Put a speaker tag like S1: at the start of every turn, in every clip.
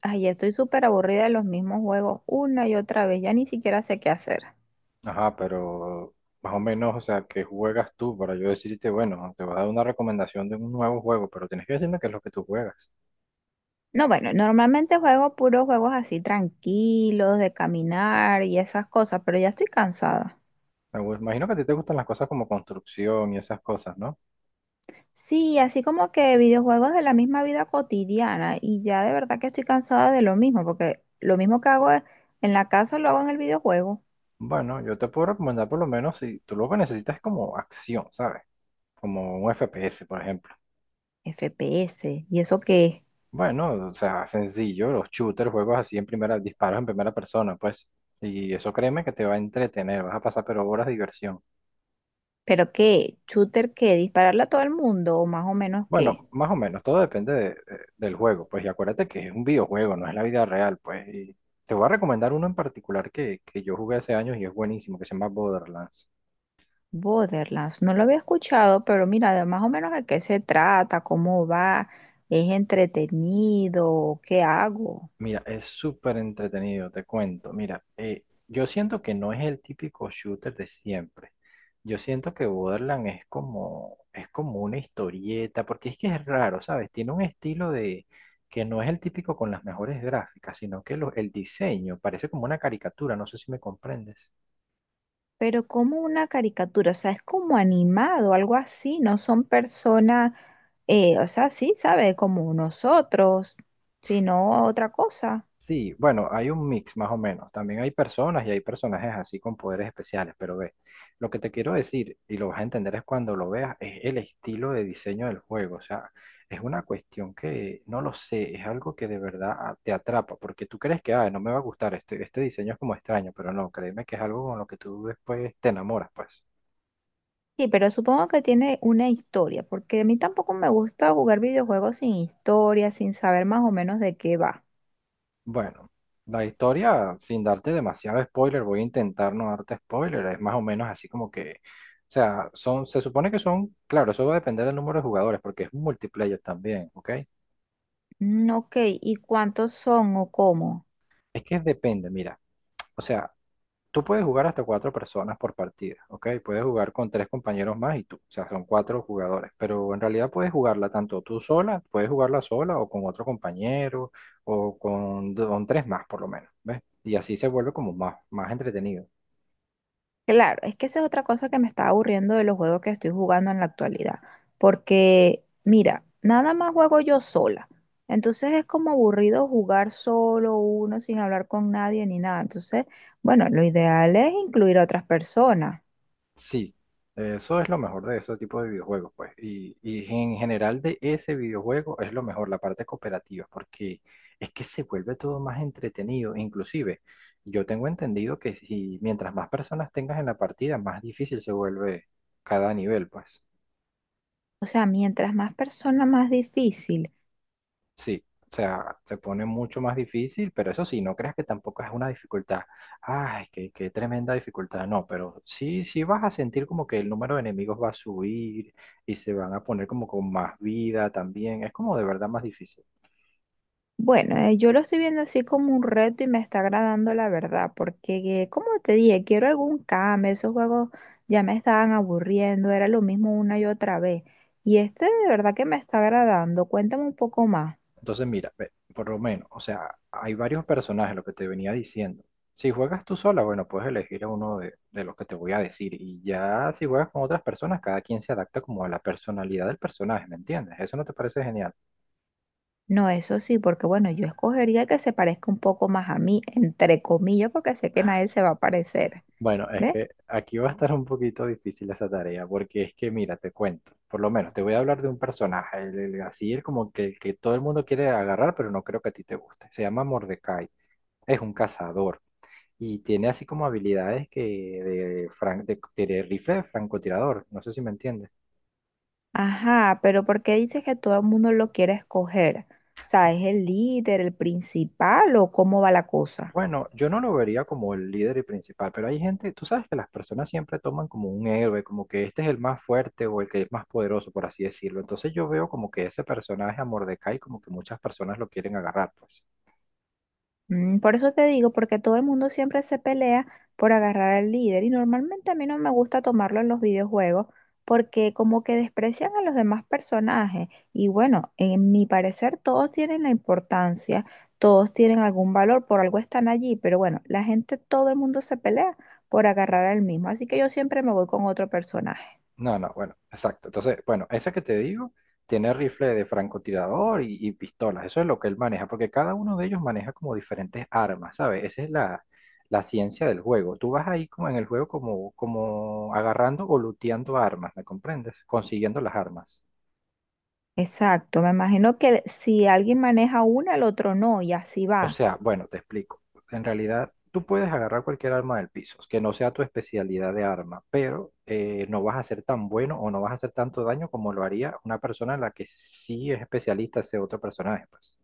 S1: Ay, ya estoy súper aburrida de los mismos juegos una y otra vez, ya ni siquiera sé qué hacer.
S2: Ajá, pero más o menos, o sea, ¿qué juegas tú para yo decirte, bueno, te vas a dar una recomendación de un nuevo juego, pero tienes que decirme qué es lo que tú juegas.
S1: No, bueno, normalmente juego puros juegos así tranquilos, de caminar y esas cosas, pero ya estoy cansada.
S2: Imagino que a ti te gustan las cosas como construcción y esas cosas, ¿no?
S1: Sí, así como que videojuegos de la misma vida cotidiana y ya de verdad que estoy cansada de lo mismo, porque lo mismo que hago en la casa lo hago en el videojuego.
S2: Bueno, yo te puedo recomendar por lo menos si tú lo que necesitas es como acción, ¿sabes? Como un FPS, por ejemplo.
S1: FPS, ¿y eso qué?
S2: Bueno, o sea, sencillo, los shooters, juegos así en primera, disparos en primera persona, pues. Y eso créeme que te va a entretener, vas a pasar pero horas de diversión.
S1: ¿Pero qué? ¿Shooter qué? ¿Dispararle a todo el mundo o más o menos qué?
S2: Bueno, más o menos, todo depende del juego, pues, y acuérdate que es un videojuego, no es la vida real, pues, y te voy a recomendar uno en particular que yo jugué hace años y es buenísimo, que se llama Borderlands.
S1: Borderlands, no lo había escuchado, pero mira, de más o menos de qué se trata, cómo va, es entretenido, qué hago.
S2: Mira, es súper entretenido, te cuento. Mira, yo siento que no es el típico shooter de siempre. Yo siento que Borderlands es como una historieta, porque es que es raro, ¿sabes? Tiene un estilo de que no es el típico con las mejores gráficas, sino que el diseño parece como una caricatura, no sé si me comprendes.
S1: Pero como una caricatura, o sea, es como animado, algo así, no son personas, o sea, sí, ¿sabes? Como nosotros, sino otra cosa.
S2: Sí, bueno, hay un mix más o menos. También hay personas y hay personajes así con poderes especiales, pero ve, lo que te quiero decir, y lo vas a entender es cuando lo veas, es el estilo de diseño del juego. O sea, es una cuestión que, no lo sé, es algo que de verdad te atrapa, porque tú crees que, ah, no me va a gustar, este diseño es como extraño, pero no, créeme que es algo con lo que tú después te enamoras, pues.
S1: Sí, pero supongo que tiene una historia, porque a mí tampoco me gusta jugar videojuegos sin historia, sin saber más o menos de qué va.
S2: Bueno, la historia, sin darte demasiado spoiler, voy a intentar no darte spoiler, es más o menos así como que, o sea, son, se supone que son, claro, eso va a depender del número de jugadores, porque es multiplayer también, ¿ok?
S1: Mm, ok, ¿y cuántos son o cómo?
S2: Es que depende, mira, o sea, tú puedes jugar hasta cuatro personas por partida, ¿ok? Puedes jugar con tres compañeros más y tú, o sea, son cuatro jugadores, pero en realidad puedes jugarla tanto tú sola, puedes jugarla sola o con otro compañero o con tres más por lo menos, ¿ves? Y así se vuelve como más, más entretenido.
S1: Claro, es que esa es otra cosa que me está aburriendo de los juegos que estoy jugando en la actualidad, porque mira, nada más juego yo sola, entonces es como aburrido jugar solo uno sin hablar con nadie ni nada, entonces, bueno, lo ideal es incluir a otras personas,
S2: Sí, eso es lo mejor de ese tipo de videojuegos, pues. Y en general de ese videojuego es lo mejor, la parte cooperativa, porque es que se vuelve todo más entretenido. Inclusive, yo tengo entendido que si mientras más personas tengas en la partida, más difícil se vuelve cada nivel, pues.
S1: o sea, mientras más personas, más difícil.
S2: Sí, o sea, se pone mucho más difícil, pero eso sí, no creas que tampoco es una dificultad. Ay, qué, qué tremenda dificultad. No, pero sí, sí vas a sentir como que el número de enemigos va a subir y se van a poner como con más vida también. Es como de verdad más difícil.
S1: Bueno, yo lo estoy viendo así como un reto y me está agradando la verdad, porque como te dije, quiero algún cambio, esos juegos ya me estaban aburriendo, era lo mismo una y otra vez. Y este de verdad que me está agradando, cuéntame un poco más.
S2: Entonces, mira, ve, por lo menos, o sea, hay varios personajes, lo que te venía diciendo. Si juegas tú sola, bueno, puedes elegir a uno de los que te voy a decir. Y ya si juegas con otras personas, cada quien se adapta como a la personalidad del personaje, ¿me entiendes? ¿Eso no te parece genial?
S1: No, eso sí, porque bueno, yo escogería el que se parezca un poco más a mí, entre comillas, porque sé que nadie se va a parecer,
S2: Bueno, es
S1: ¿ves?
S2: que aquí va a estar un poquito difícil esa tarea, porque es que, mira, te cuento, por lo menos te voy a hablar de un personaje, así el como que, el que todo el mundo quiere agarrar, pero no creo que a ti te guste. Se llama Mordecai, es un cazador y tiene así como habilidades que de rifle de francotirador, no sé si me entiendes.
S1: Ajá, pero ¿por qué dices que todo el mundo lo quiere escoger? O sea, ¿es el líder, el principal o cómo va la cosa?
S2: Bueno, yo no lo vería como el líder y principal, pero hay gente, tú sabes que las personas siempre toman como un héroe, como que este es el más fuerte o el que es más poderoso, por así decirlo. Entonces yo veo como que ese personaje a Mordecai, como que muchas personas lo quieren agarrar, pues.
S1: Mm, por eso te digo, porque todo el mundo siempre se pelea por agarrar al líder y normalmente a mí no me gusta tomarlo en los videojuegos porque como que desprecian a los demás personajes y bueno, en mi parecer todos tienen la importancia, todos tienen algún valor, por algo están allí, pero bueno, la gente, todo el mundo se pelea por agarrar al mismo, así que yo siempre me voy con otro personaje.
S2: No, no, bueno, exacto. Entonces, bueno, esa que te digo tiene rifle de francotirador y pistolas. Eso es lo que él maneja, porque cada uno de ellos maneja como diferentes armas, ¿sabes? Esa es la ciencia del juego. Tú vas ahí como en el juego como, como agarrando o looteando armas, ¿me comprendes? Consiguiendo las armas.
S1: Exacto, me imagino que si alguien maneja una, el otro no y así
S2: O
S1: va.
S2: sea, bueno, te explico. En realidad, tú puedes agarrar cualquier arma del piso, que no sea tu especialidad de arma, pero no vas a ser tan bueno o no vas a hacer tanto daño como lo haría una persona en la que sí es especialista ese otro personaje, pues.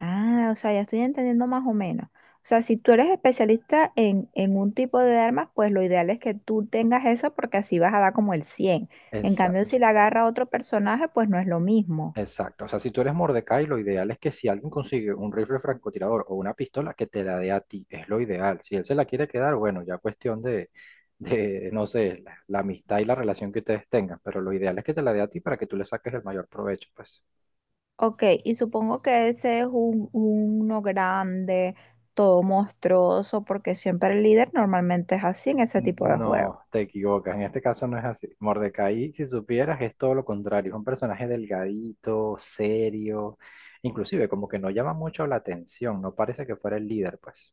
S1: Ah, o sea, ya estoy entendiendo más o menos. O sea, si tú eres especialista en un tipo de armas, pues lo ideal es que tú tengas eso porque así vas a dar como el 100. En cambio,
S2: Exacto,
S1: si la agarra otro personaje, pues no es lo mismo.
S2: exacto. O sea, si tú eres Mordecai, lo ideal es que si alguien consigue un rifle francotirador o una pistola, que te la dé a ti, es lo ideal. Si él se la quiere quedar, bueno, ya cuestión de no sé, la amistad y la relación que ustedes tengan, pero lo ideal es que te la dé a ti para que tú le saques el mayor provecho, pues.
S1: Ok, y supongo que ese es un, uno grande, todo monstruoso, porque siempre el líder normalmente es así en ese tipo de juegos.
S2: No, te equivocas. En este caso no es así. Mordecai, si supieras, es todo lo contrario. Es un personaje delgadito, serio, inclusive como que no llama mucho la atención. No parece que fuera el líder, pues.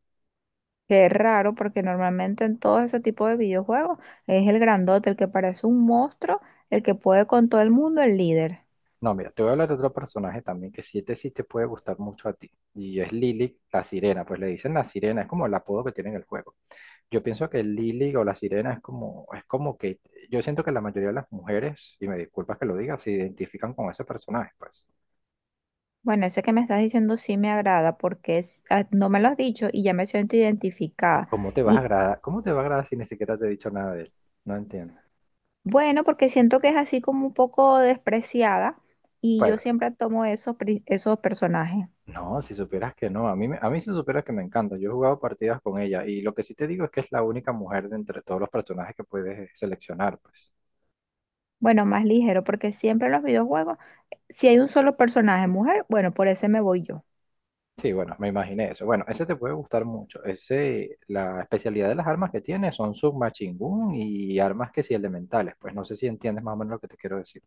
S1: Que es raro porque normalmente en todo ese tipo de videojuegos es el grandote, el que parece un monstruo, el que puede con todo el mundo, el líder.
S2: No, mira, te voy a hablar de otro personaje también que sí te puede gustar mucho a ti. Y es Lily, la sirena. Pues le dicen la sirena, es como el apodo que tiene en el juego. Yo pienso que Lily o la sirena es como que yo siento que la mayoría de las mujeres, y me disculpas que lo diga, se identifican con ese personaje, pues.
S1: Bueno, ese que me estás diciendo sí me agrada porque es- ah, no me lo has dicho y ya me siento identificada.
S2: ¿Cómo te vas a
S1: Y
S2: agradar? ¿Cómo te va a agradar si ni siquiera te he dicho nada de él? No entiendo.
S1: bueno, porque siento que es así como un poco despreciada y
S2: Pues,
S1: yo siempre tomo esos, pri- esos personajes.
S2: no, si supieras que no, a mí si supieras que me encanta. Yo he jugado partidas con ella y lo que sí te digo es que es la única mujer de entre todos los personajes que puedes seleccionar, pues.
S1: Bueno, más ligero, porque siempre en los videojuegos, si hay un solo personaje mujer, bueno, por ese me voy yo.
S2: Sí, bueno, me imaginé eso. Bueno, ese te puede gustar mucho. Ese, la especialidad de las armas que tiene son submachine gun y armas que sí elementales. Pues no sé si entiendes más o menos lo que te quiero decir.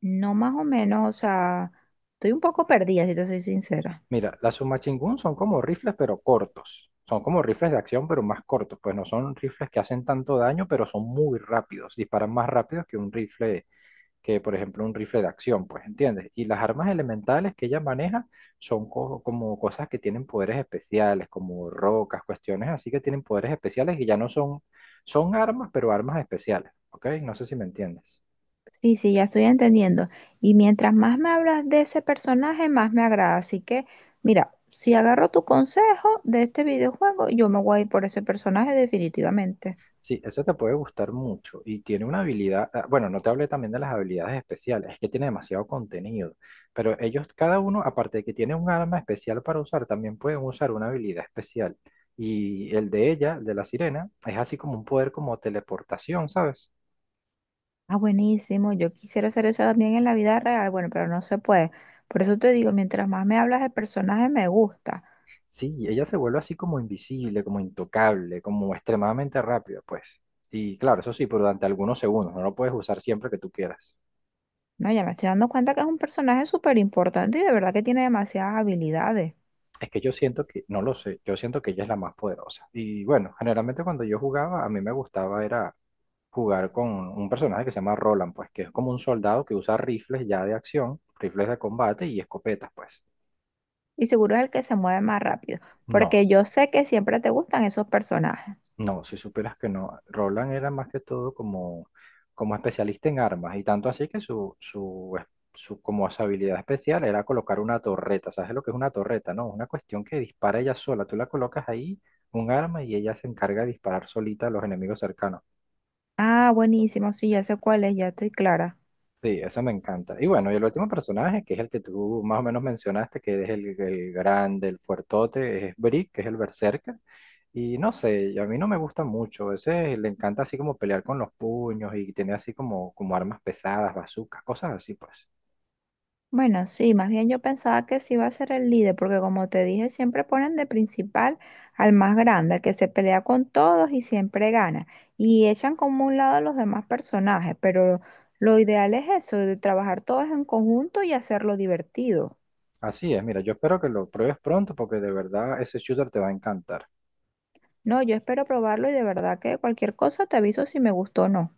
S1: No más o menos, o sea, estoy un poco perdida, si te soy sincera.
S2: Mira, las submachine son como rifles, pero cortos. Son como rifles de acción, pero más cortos. Pues no son rifles que hacen tanto daño, pero son muy rápidos. Disparan más rápido que un rifle, que por ejemplo un rifle de acción, pues, ¿entiendes? Y las armas elementales que ella maneja son como cosas que tienen poderes especiales, como rocas, cuestiones así que tienen poderes especiales y ya no son, son armas, pero armas especiales, ¿ok? No sé si me entiendes.
S1: Sí, sí, ya estoy entendiendo. Y mientras más me hablas de ese personaje, más me agrada. Así que, mira, si agarro tu consejo de este videojuego, yo me voy a ir por ese personaje definitivamente.
S2: Sí, eso te puede gustar mucho y tiene una habilidad, ah, bueno, no te hablé también de las habilidades especiales, es que tiene demasiado contenido, pero ellos cada uno, aparte de que tiene un arma especial para usar, también pueden usar una habilidad especial. Y el de ella, el de la sirena, es así como un poder como teleportación, ¿sabes?
S1: Ah, buenísimo. Yo quisiera hacer eso también en la vida real. Bueno, pero no se puede. Por eso te digo, mientras más me hablas, el personaje me gusta.
S2: Sí, ella se vuelve así como invisible, como intocable, como extremadamente rápida, pues. Y claro, eso sí, pero durante algunos segundos, no lo puedes usar siempre que tú quieras.
S1: No, ya me estoy dando cuenta que es un personaje súper importante y de verdad que tiene demasiadas habilidades.
S2: Es que yo siento que, no lo sé, yo siento que ella es la más poderosa. Y bueno, generalmente cuando yo jugaba, a mí me gustaba era jugar con un personaje que se llama Roland, pues que es como un soldado que usa rifles ya de acción, rifles de combate y escopetas, pues.
S1: Y seguro es el que se mueve más rápido,
S2: No,
S1: porque yo sé que siempre te gustan esos personajes.
S2: No, si supieras que no. Roland era más que todo como, como especialista en armas y tanto así que como su habilidad especial era colocar una torreta. ¿Sabes lo que es una torreta? No, una cuestión que dispara ella sola. Tú la colocas ahí, un arma, y ella se encarga de disparar solita a los enemigos cercanos.
S1: Ah, buenísimo, sí, ya sé cuál es, ya estoy clara.
S2: Sí, eso me encanta. Y bueno, y el último personaje, que es el que tú más o menos mencionaste, que es el grande, el fuertote, es Brick, que es el berserker. Y no sé, y a mí no me gusta mucho. A veces le encanta así como pelear con los puños y tener así como, como armas pesadas, bazucas, cosas así, pues.
S1: Bueno, sí, más bien yo pensaba que sí iba a ser el líder, porque como te dije, siempre ponen de principal al más grande, al que se pelea con todos y siempre gana. Y echan como un lado a los demás personajes, pero lo ideal es eso, de trabajar todos en conjunto y hacerlo divertido.
S2: Así es, mira, yo espero que lo pruebes pronto porque de verdad ese shooter te va a encantar.
S1: No, yo espero probarlo y de verdad que cualquier cosa te aviso si me gustó o no.